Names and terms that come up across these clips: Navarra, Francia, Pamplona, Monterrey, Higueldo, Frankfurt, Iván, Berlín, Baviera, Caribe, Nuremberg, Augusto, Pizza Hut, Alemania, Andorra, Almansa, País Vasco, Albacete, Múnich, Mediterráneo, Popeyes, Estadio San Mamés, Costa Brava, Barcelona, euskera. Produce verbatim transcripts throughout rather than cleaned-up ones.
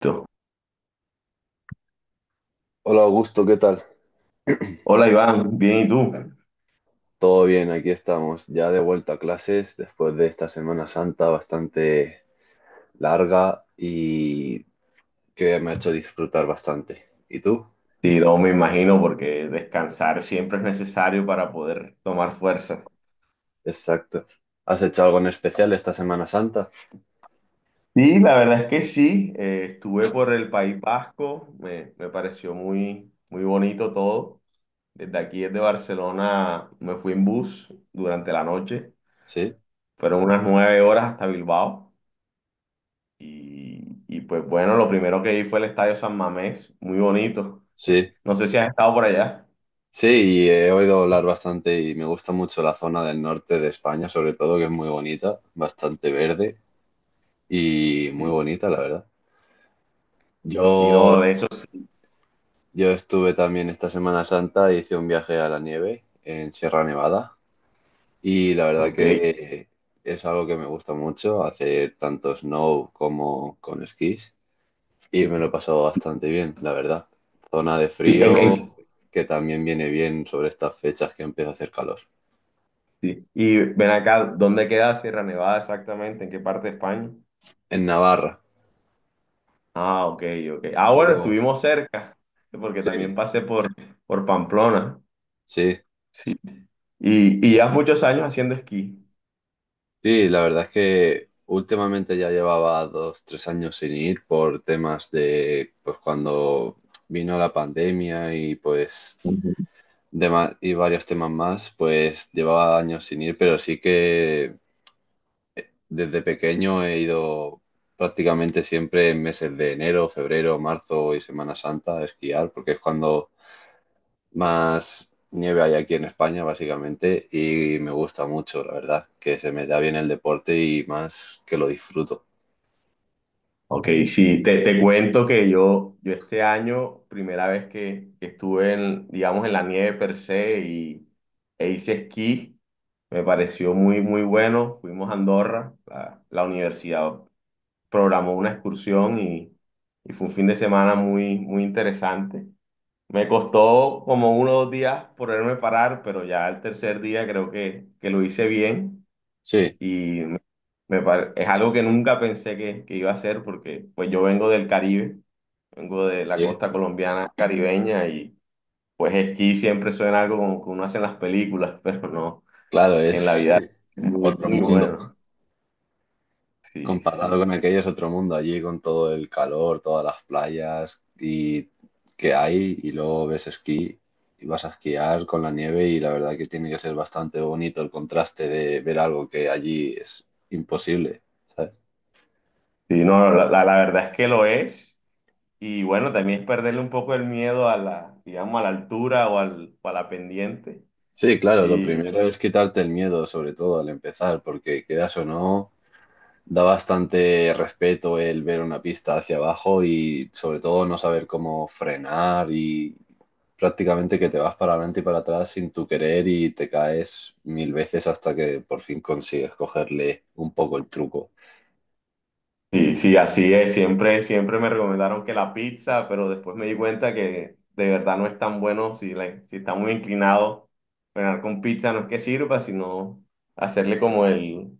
Tú. Hola Augusto, ¿qué tal? Hola Iván, bien, ¿y tú? Todo bien, aquí estamos, ya de vuelta a clases después de esta Semana Santa bastante larga y que me ha hecho disfrutar bastante. ¿Y tú? Sí, no me imagino porque descansar siempre es necesario para poder tomar fuerza. Exacto. ¿Has hecho algo en especial esta Semana Santa? Sí, la verdad es que sí, eh, estuve por el País Vasco, me, me pareció muy, muy bonito todo. Desde aquí, desde Barcelona, me fui en bus durante la noche, Sí, fueron unas nueve horas hasta Bilbao y, y pues bueno, lo primero que vi fue el Estadio San Mamés, muy bonito. sí, No sé si has estado por allá. sí, y he oído hablar bastante y me gusta mucho la zona del norte de España, sobre todo, que es muy bonita, bastante verde y muy Sí, bonita, la verdad. sí, Yo no, de esos, sí. Yo estuve también esta Semana Santa, hice un viaje a la nieve en Sierra Nevada y la verdad Ok. que es algo que me gusta mucho, hacer tanto snow como con esquís y me lo he pasado bastante bien, la verdad. Zona de Sí, en, en- frío que también viene bien sobre estas fechas que empieza a hacer calor. sí. Y ven acá, ¿dónde queda Sierra Nevada exactamente? ¿En qué parte de España? En Navarra, Ah, ok, ok. un Ah, bueno, poco... estuvimos cerca, porque también Sí, pasé por, por Pamplona. sí. Sí. Y, y llevas muchos años haciendo esquí. Sí, la verdad es que últimamente ya llevaba dos, tres años sin ir por temas de, pues cuando vino la pandemia y pues Ujú. dema- y varios temas más, pues llevaba años sin ir, pero sí que desde pequeño he ido prácticamente siempre en meses de enero, febrero, marzo y Semana Santa a esquiar, porque es cuando más nieve hay aquí en España, básicamente, y me gusta mucho, la verdad, que se me da bien el deporte y más que lo disfruto. Ok, sí, te, te cuento que yo, yo este año, primera vez que, que estuve en, digamos, en la nieve per se y, e hice esquí, me pareció muy, muy bueno. Fuimos a Andorra, la, la universidad programó una excursión y, y fue un fin de semana muy, muy interesante. Me costó como uno o dos días poderme parar, pero ya el tercer día creo que, que lo hice bien Sí, y me- me par- es algo que nunca pensé que, que iba a hacer porque pues yo vengo del Caribe, vengo de la sí, costa colombiana caribeña y pues esquí siempre suena algo como que uno hace en las películas, pero no, claro, en la es vida es muy, otro muy mundo. bueno. Sí, Comparado sí. con aquello es otro mundo allí con todo el calor, todas las playas y que hay y luego ves esquí y vas a esquiar con la nieve y la verdad que tiene que ser bastante bonito el contraste de ver algo que allí es imposible, ¿sabes? Sí, no, la, la la verdad es que lo es. Y bueno, también es perderle un poco el miedo a la, digamos, a la altura o, al, o a la pendiente. Sí, claro, lo Y, primero es quitarte el miedo, sobre todo al empezar, porque quieras o no. Da bastante respeto el ver una pista hacia abajo y sobre todo no saber cómo frenar y prácticamente que te vas para adelante y para atrás sin tu querer y te caes mil veces hasta que por fin consigues cogerle un poco el truco. y sí, así es. Siempre, siempre me recomendaron que la pizza, pero después me di cuenta que de verdad no es tan bueno si, la- si está muy inclinado. Frenar con pizza no es que sirva, sino hacerle como el,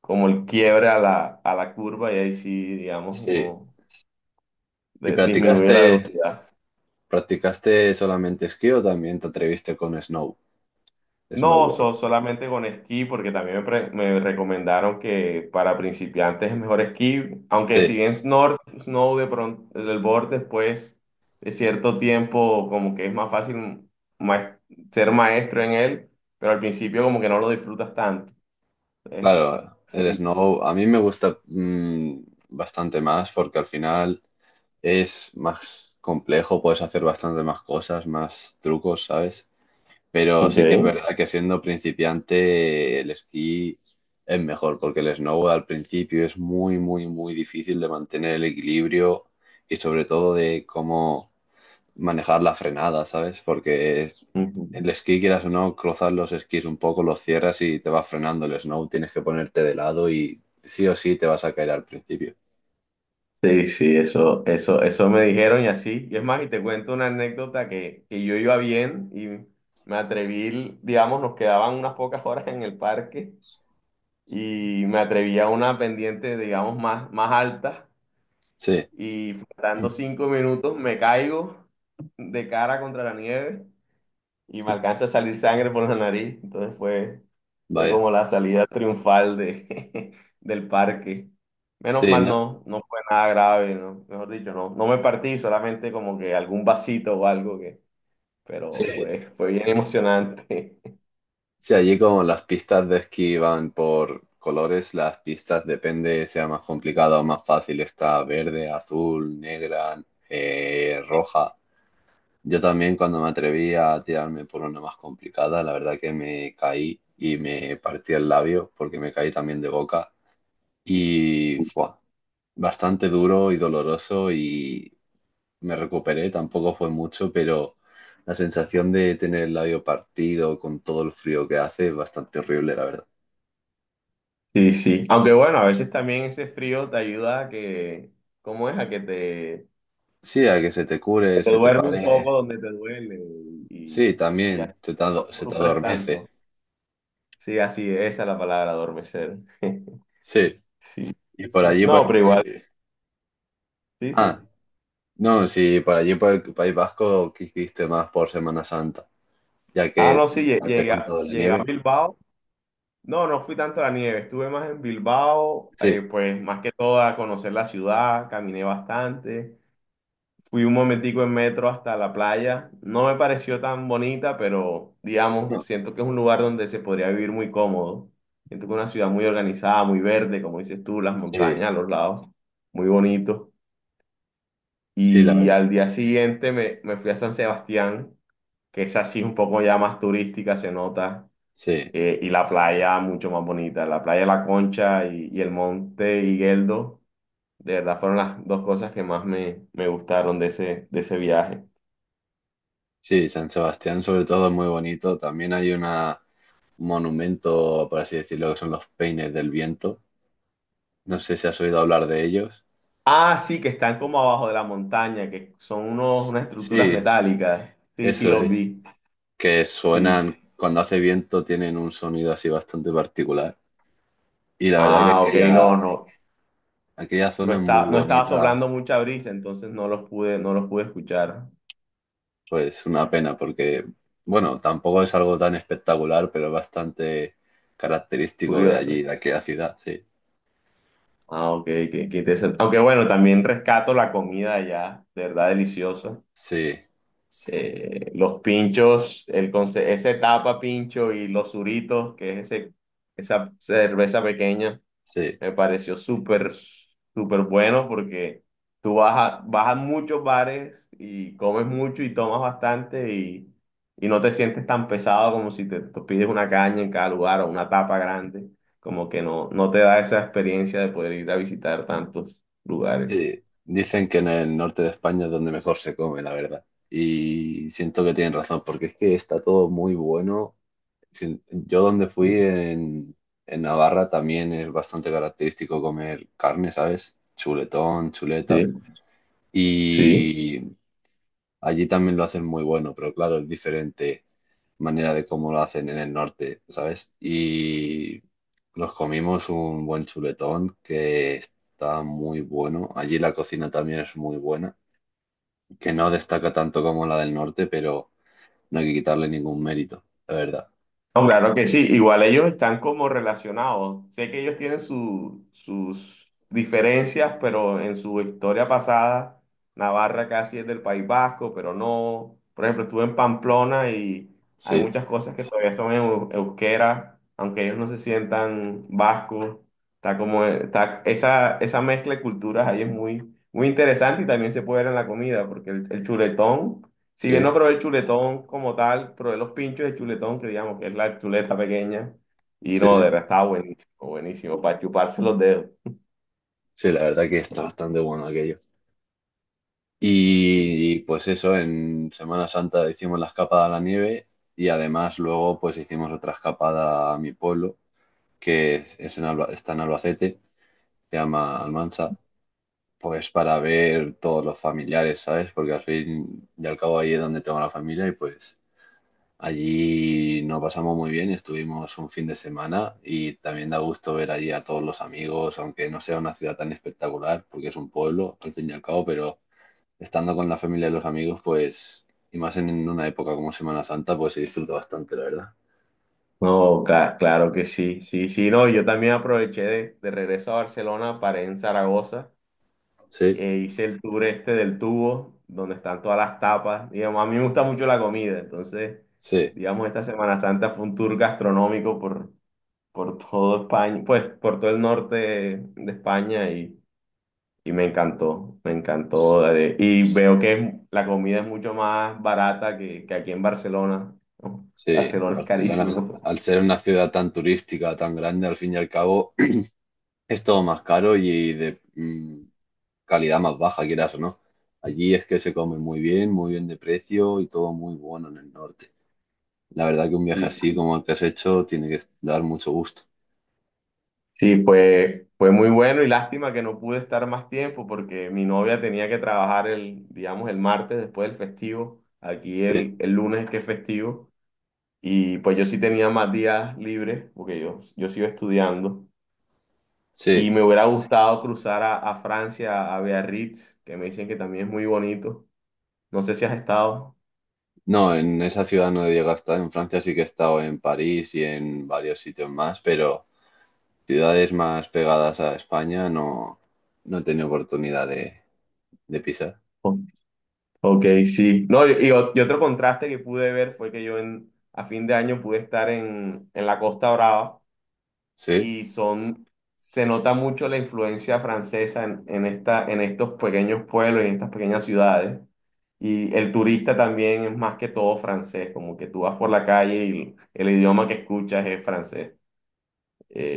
como el quiebre a la, a la curva y ahí sí, digamos, Sí. uno ¿Y de- disminuye la practicaste, velocidad. practicaste solamente esquí o también te atreviste con snow, No, snowboard? so- solamente con esquí, porque también me, pre- me recomendaron que para principiantes es mejor esquí, aunque si Sí, bien snor- snow de pronto, el board después de cierto tiempo como que es más fácil maes- ser maestro en él, pero al principio como que no lo disfrutas tanto. ¿Eh? claro, Sí. el snow a mí me gusta mm, bastante más porque al final es más complejo, puedes hacer bastante más cosas, más trucos, ¿sabes? Pero sí que es verdad que siendo principiante el esquí es mejor, porque el snowboard al principio es muy, muy, muy difícil de mantener el equilibrio y sobre todo de cómo manejar la frenada, ¿sabes? Porque el Ok. esquí, quieras o no, cruzas los esquís un poco, los cierras y te va frenando el snow, tienes que ponerte de lado y sí o sí te vas a caer al principio. Sí, sí, eso, eso, eso me dijeron y así. Y es más, y te cuento una anécdota que, que yo iba bien y me atreví, digamos, nos quedaban unas pocas horas en el parque y me atreví a una pendiente, digamos, más, más alta Sí, y faltando cinco minutos me caigo de cara contra la nieve y me alcanza a salir sangre por la nariz. Entonces fue, fue vaya. como la salida triunfal de, del parque. Menos Sí, mal ¿no? no, no fue nada grave, ¿no? Mejor dicho, no, no me partí, solamente como que algún vasito o algo que, pero Sí, fue, fue bien emocionante. sí, allí como las pistas de esquí van por colores, las pistas depende sea más complicada o más fácil, está verde, azul, negra, eh, roja. Yo también cuando me atreví a tirarme por una más complicada, la verdad que me caí y me partí el labio porque me caí también de boca y fue bastante duro y doloroso y me recuperé, tampoco fue mucho, pero la sensación de tener el labio partido con todo el frío que hace es bastante horrible, la verdad. Sí, sí. Aunque bueno, a veces también ese frío te ayuda a que, ¿cómo es? A que te, Sí, a que se te cure, te se te duerme un poco pare. donde te duele Sí, y, y así también, se te, no ado- no se te sufres adormece. tanto. Sí, así es, esa es la palabra, adormecer. Sí, Sí, y por sí. allí, por No, el pero País... igual, sí, Ah, sí. no, sí, por allí, por el País Vasco, ¿qué hiciste más por Semana Santa? Ya Ah, no, que sí, lle- ya te he llegué a, contado la llegué a nieve. Bilbao. No, no fui tanto a la nieve, estuve más en Bilbao, eh, Sí, pues más que todo a conocer la ciudad, caminé bastante. Fui un momentico en metro hasta la playa. No me pareció tan bonita, pero digamos, no, siento que es un lugar donde se podría vivir muy cómodo. Siento que es una ciudad muy organizada, muy verde, como dices tú, las sí, montañas a los lados, muy bonito. sí, la Y verdad. al día siguiente me, me fui a San Sebastián, que es así un poco ya más turística, se nota, Sí, eh, y la playa mucho más bonita. La playa de La Concha y, y el monte Higueldo, de verdad fueron las dos cosas que más me, me gustaron de ese, de ese viaje. sí, San Sebastián sobre todo es muy bonito. También hay una, un monumento, por así decirlo, que son los Peines del Viento. No sé si has oído hablar de ellos. Ah, sí, que están como abajo de la montaña, que son unos, unas estructuras Sí, metálicas. Sí, sí, eso los es. vi. Que Sí. suenan cuando hace viento, tienen un sonido así bastante particular. Y la verdad que Ah, ok, no, aquella, no. aquella No zona es muy está, no estaba bonita, soplando mucha brisa, entonces no los pude, no los pude escuchar. pues una pena, porque, bueno, tampoco es algo tan espectacular, pero es bastante característico de Curioso. allí, de aquella ciudad, sí. Ah, ok, qué, qué interesante. Aunque bueno, también rescato la comida allá, de verdad deliciosa. Sí, Eh, los pinchos, el conce- ese tapa pincho y los suritos, que es ese, esa cerveza pequeña, sí, me pareció súper, súper bueno porque tú vas a, vas a muchos bares y comes mucho y tomas bastante y, y no te sientes tan pesado como si te, te pides una caña en cada lugar o una tapa grande. Como que no, no te da esa experiencia de poder ir a visitar tantos lugares. sí. Dicen que en el norte de España es donde mejor se come, la verdad. Y siento que tienen razón, porque es que está todo muy bueno. Sí, yo donde fui en, en Navarra también es bastante característico comer carne, ¿sabes? Chuletón, chuleta. Sí, sí. Y allí también lo hacen muy bueno, pero claro, es diferente manera de cómo lo hacen en el norte, ¿sabes? Y nos comimos un buen chuletón que está muy bueno. Allí la cocina también es muy buena, que no destaca tanto como la del norte, pero no hay que quitarle ningún mérito, la verdad. No, claro que sí, igual ellos están como relacionados. Sé que ellos tienen su- sus diferencias, pero en su historia pasada, Navarra casi es del País Vasco, pero no. Por ejemplo, estuve en Pamplona y hay Sí, muchas cosas que todavía son eu- euskera, aunque ellos no se sientan vascos. Está como, está, esa, esa mezcla de culturas ahí es muy, muy interesante y también se puede ver en la comida, porque el, el chuletón. Si bien sí, no probé el chuletón como tal, probé los pinchos de chuletón, que digamos que es la chuleta pequeña, y sí, no, de sí. verdad estaba buenísimo, buenísimo, para chuparse los dedos. Sí, la verdad que está bastante bueno aquello. Sí. Y, y, pues eso, en Semana Santa hicimos la escapada a la nieve y además luego pues hicimos otra escapada a mi pueblo, que es, es en Alba- está en Albacete, se llama Almansa, pues para ver todos los familiares, ¿sabes? Porque al fin y al cabo ahí es donde tengo la familia y pues allí nos pasamos muy bien, estuvimos un fin de semana y también da gusto ver allí a todos los amigos, aunque no sea una ciudad tan espectacular, porque es un pueblo al fin y al cabo, pero estando con la familia y los amigos, pues, y más en en una época como Semana Santa, pues se disfruta bastante, la verdad. No, cla- claro que sí, sí, sí, no, yo también aproveché de, de regreso a Barcelona, paré en Zaragoza, Sí, e hice el tour este del tubo, donde están todas las tapas, digamos, a mí me gusta mucho la comida, entonces, sí, digamos, esta Semana Santa fue un tour gastronómico por, por todo España, pues por todo el norte de España. Y me encantó, me s- encantó. eh, Y veo que es- la comida es mucho más barata que, que aquí en Barcelona. ¿No? sí. Barcelona es Barcelona, carísimo. al ser una ciudad tan turística, tan grande, al fin y al cabo, es todo más caro y de mm, calidad más baja, quieras o no. Allí es que se come muy bien, muy bien de precio y todo muy bueno en el norte. La verdad que un viaje Sí, así sí. como el que has hecho tiene que dar mucho gusto. Sí, fue, fue muy bueno y lástima que no pude estar más tiempo porque mi novia tenía que trabajar el, digamos, el martes después del festivo. Aquí Sí, el, el lunes es que es festivo. Y pues yo sí tenía más días libres porque yo, yo sigo estudiando. Y sí. me hubiera gustado cruzar a, a Francia, a Biarritz, que me dicen que también es muy bonito. No sé si has estado. No, en esa ciudad no he llegado a estar. En Francia sí que he estado en París y en varios sitios más, pero ciudades más pegadas a España no, no he tenido oportunidad de, de pisar. O- Ok, sí. No, y, y o- y otro contraste que pude ver fue que yo en, a fin de año pude estar en, en la Costa Brava Sí, y son, se nota mucho la influencia francesa en, en esta, en estos pequeños pueblos y en estas pequeñas ciudades. Y el turista también es más que todo francés, como que tú vas por la calle y el, el idioma que escuchas es francés.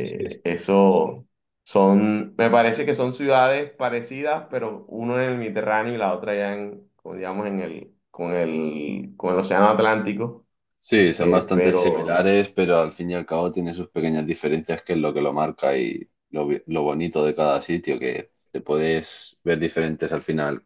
sí, eso son, me parece que son ciudades parecidas, pero uno en el Mediterráneo y la otra ya en, como digamos, en el, con el, con el Océano Atlántico. sí, son Eh, bastante pero similares, pero al fin y al cabo tienen sus pequeñas diferencias, que es lo que lo marca y lo, bi- lo bonito de cada sitio, que te puedes ver diferentes al final,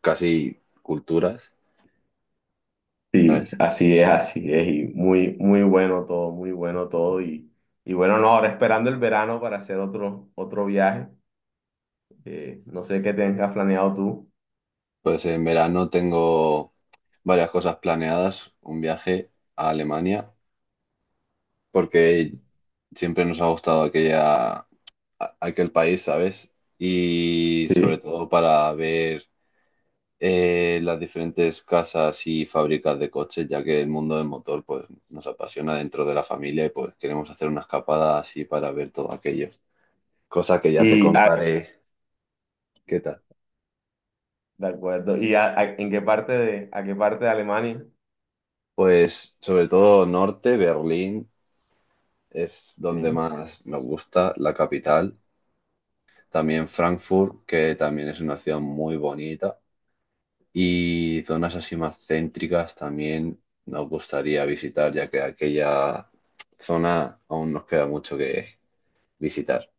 casi culturas, sí, ¿sabes? así es, así es, y muy, muy bueno todo, muy bueno todo. Y, y bueno, no, ahora esperando el verano para hacer otro, otro viaje. Eh, no sé qué tengas planeado tú. Pues en verano tengo varias cosas planeadas, un viaje a Alemania, que- porque siempre nos ha gustado aquella, a- aquel país, ¿sabes? Y sobre Sí. todo para ver eh, las diferentes casas y fábricas de coches, ya que el mundo del motor pues, nos apasiona dentro de la familia y pues queremos hacer una escapada así para ver todo aquello. Cosa que ya te Y, ah, contaré. ¿Qué tal? de acuerdo, ¿y a- a- en qué parte de, a qué parte de Alemania? Pues sobre todo norte, Berlín, es donde Ok. más nos gusta, la capital. También Frankfurt, que también es una ciudad muy bonita. Y zonas así más céntricas también nos gustaría visitar, ya que aquella zona aún nos queda mucho que visitar.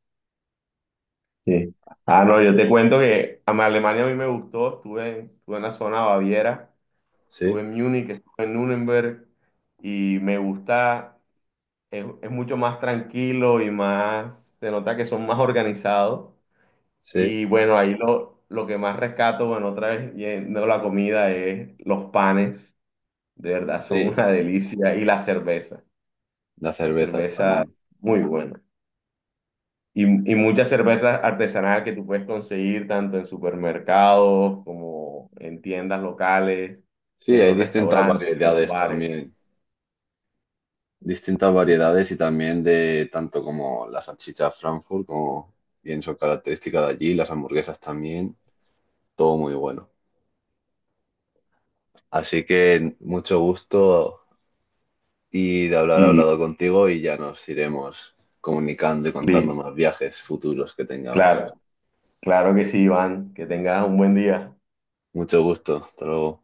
Sí. Ah, no, yo te cuento que a mí Alemania a mí me gustó, estuve en, estuve en la zona Baviera, Sí, estuve en Múnich, estuve en Nuremberg y me gusta, es, es mucho más tranquilo y más, se nota que son más organizados sí, y bueno, ahí lo, lo que más rescato, bueno, otra vez yendo a la comida es los panes, de verdad son sí. una delicia y la cerveza, La la cerveza cerveza también. muy buena. Y, y muchas cervezas artesanales que tú puedes conseguir tanto en supermercados como en tiendas locales, Sí, en hay los distintas restaurantes, en los variedades bares. también. Distintas Sí. variedades y también de tanto como la salchicha Frankfurt, como bien son características de allí, las hamburguesas también. Todo muy bueno. Así que mucho gusto y de hablar Y hablado contigo y ya nos iremos comunicando y contando listo. más viajes futuros que tengamos. Claro, claro que sí, Iván. Que tengas un buen día. Mucho gusto, hasta luego.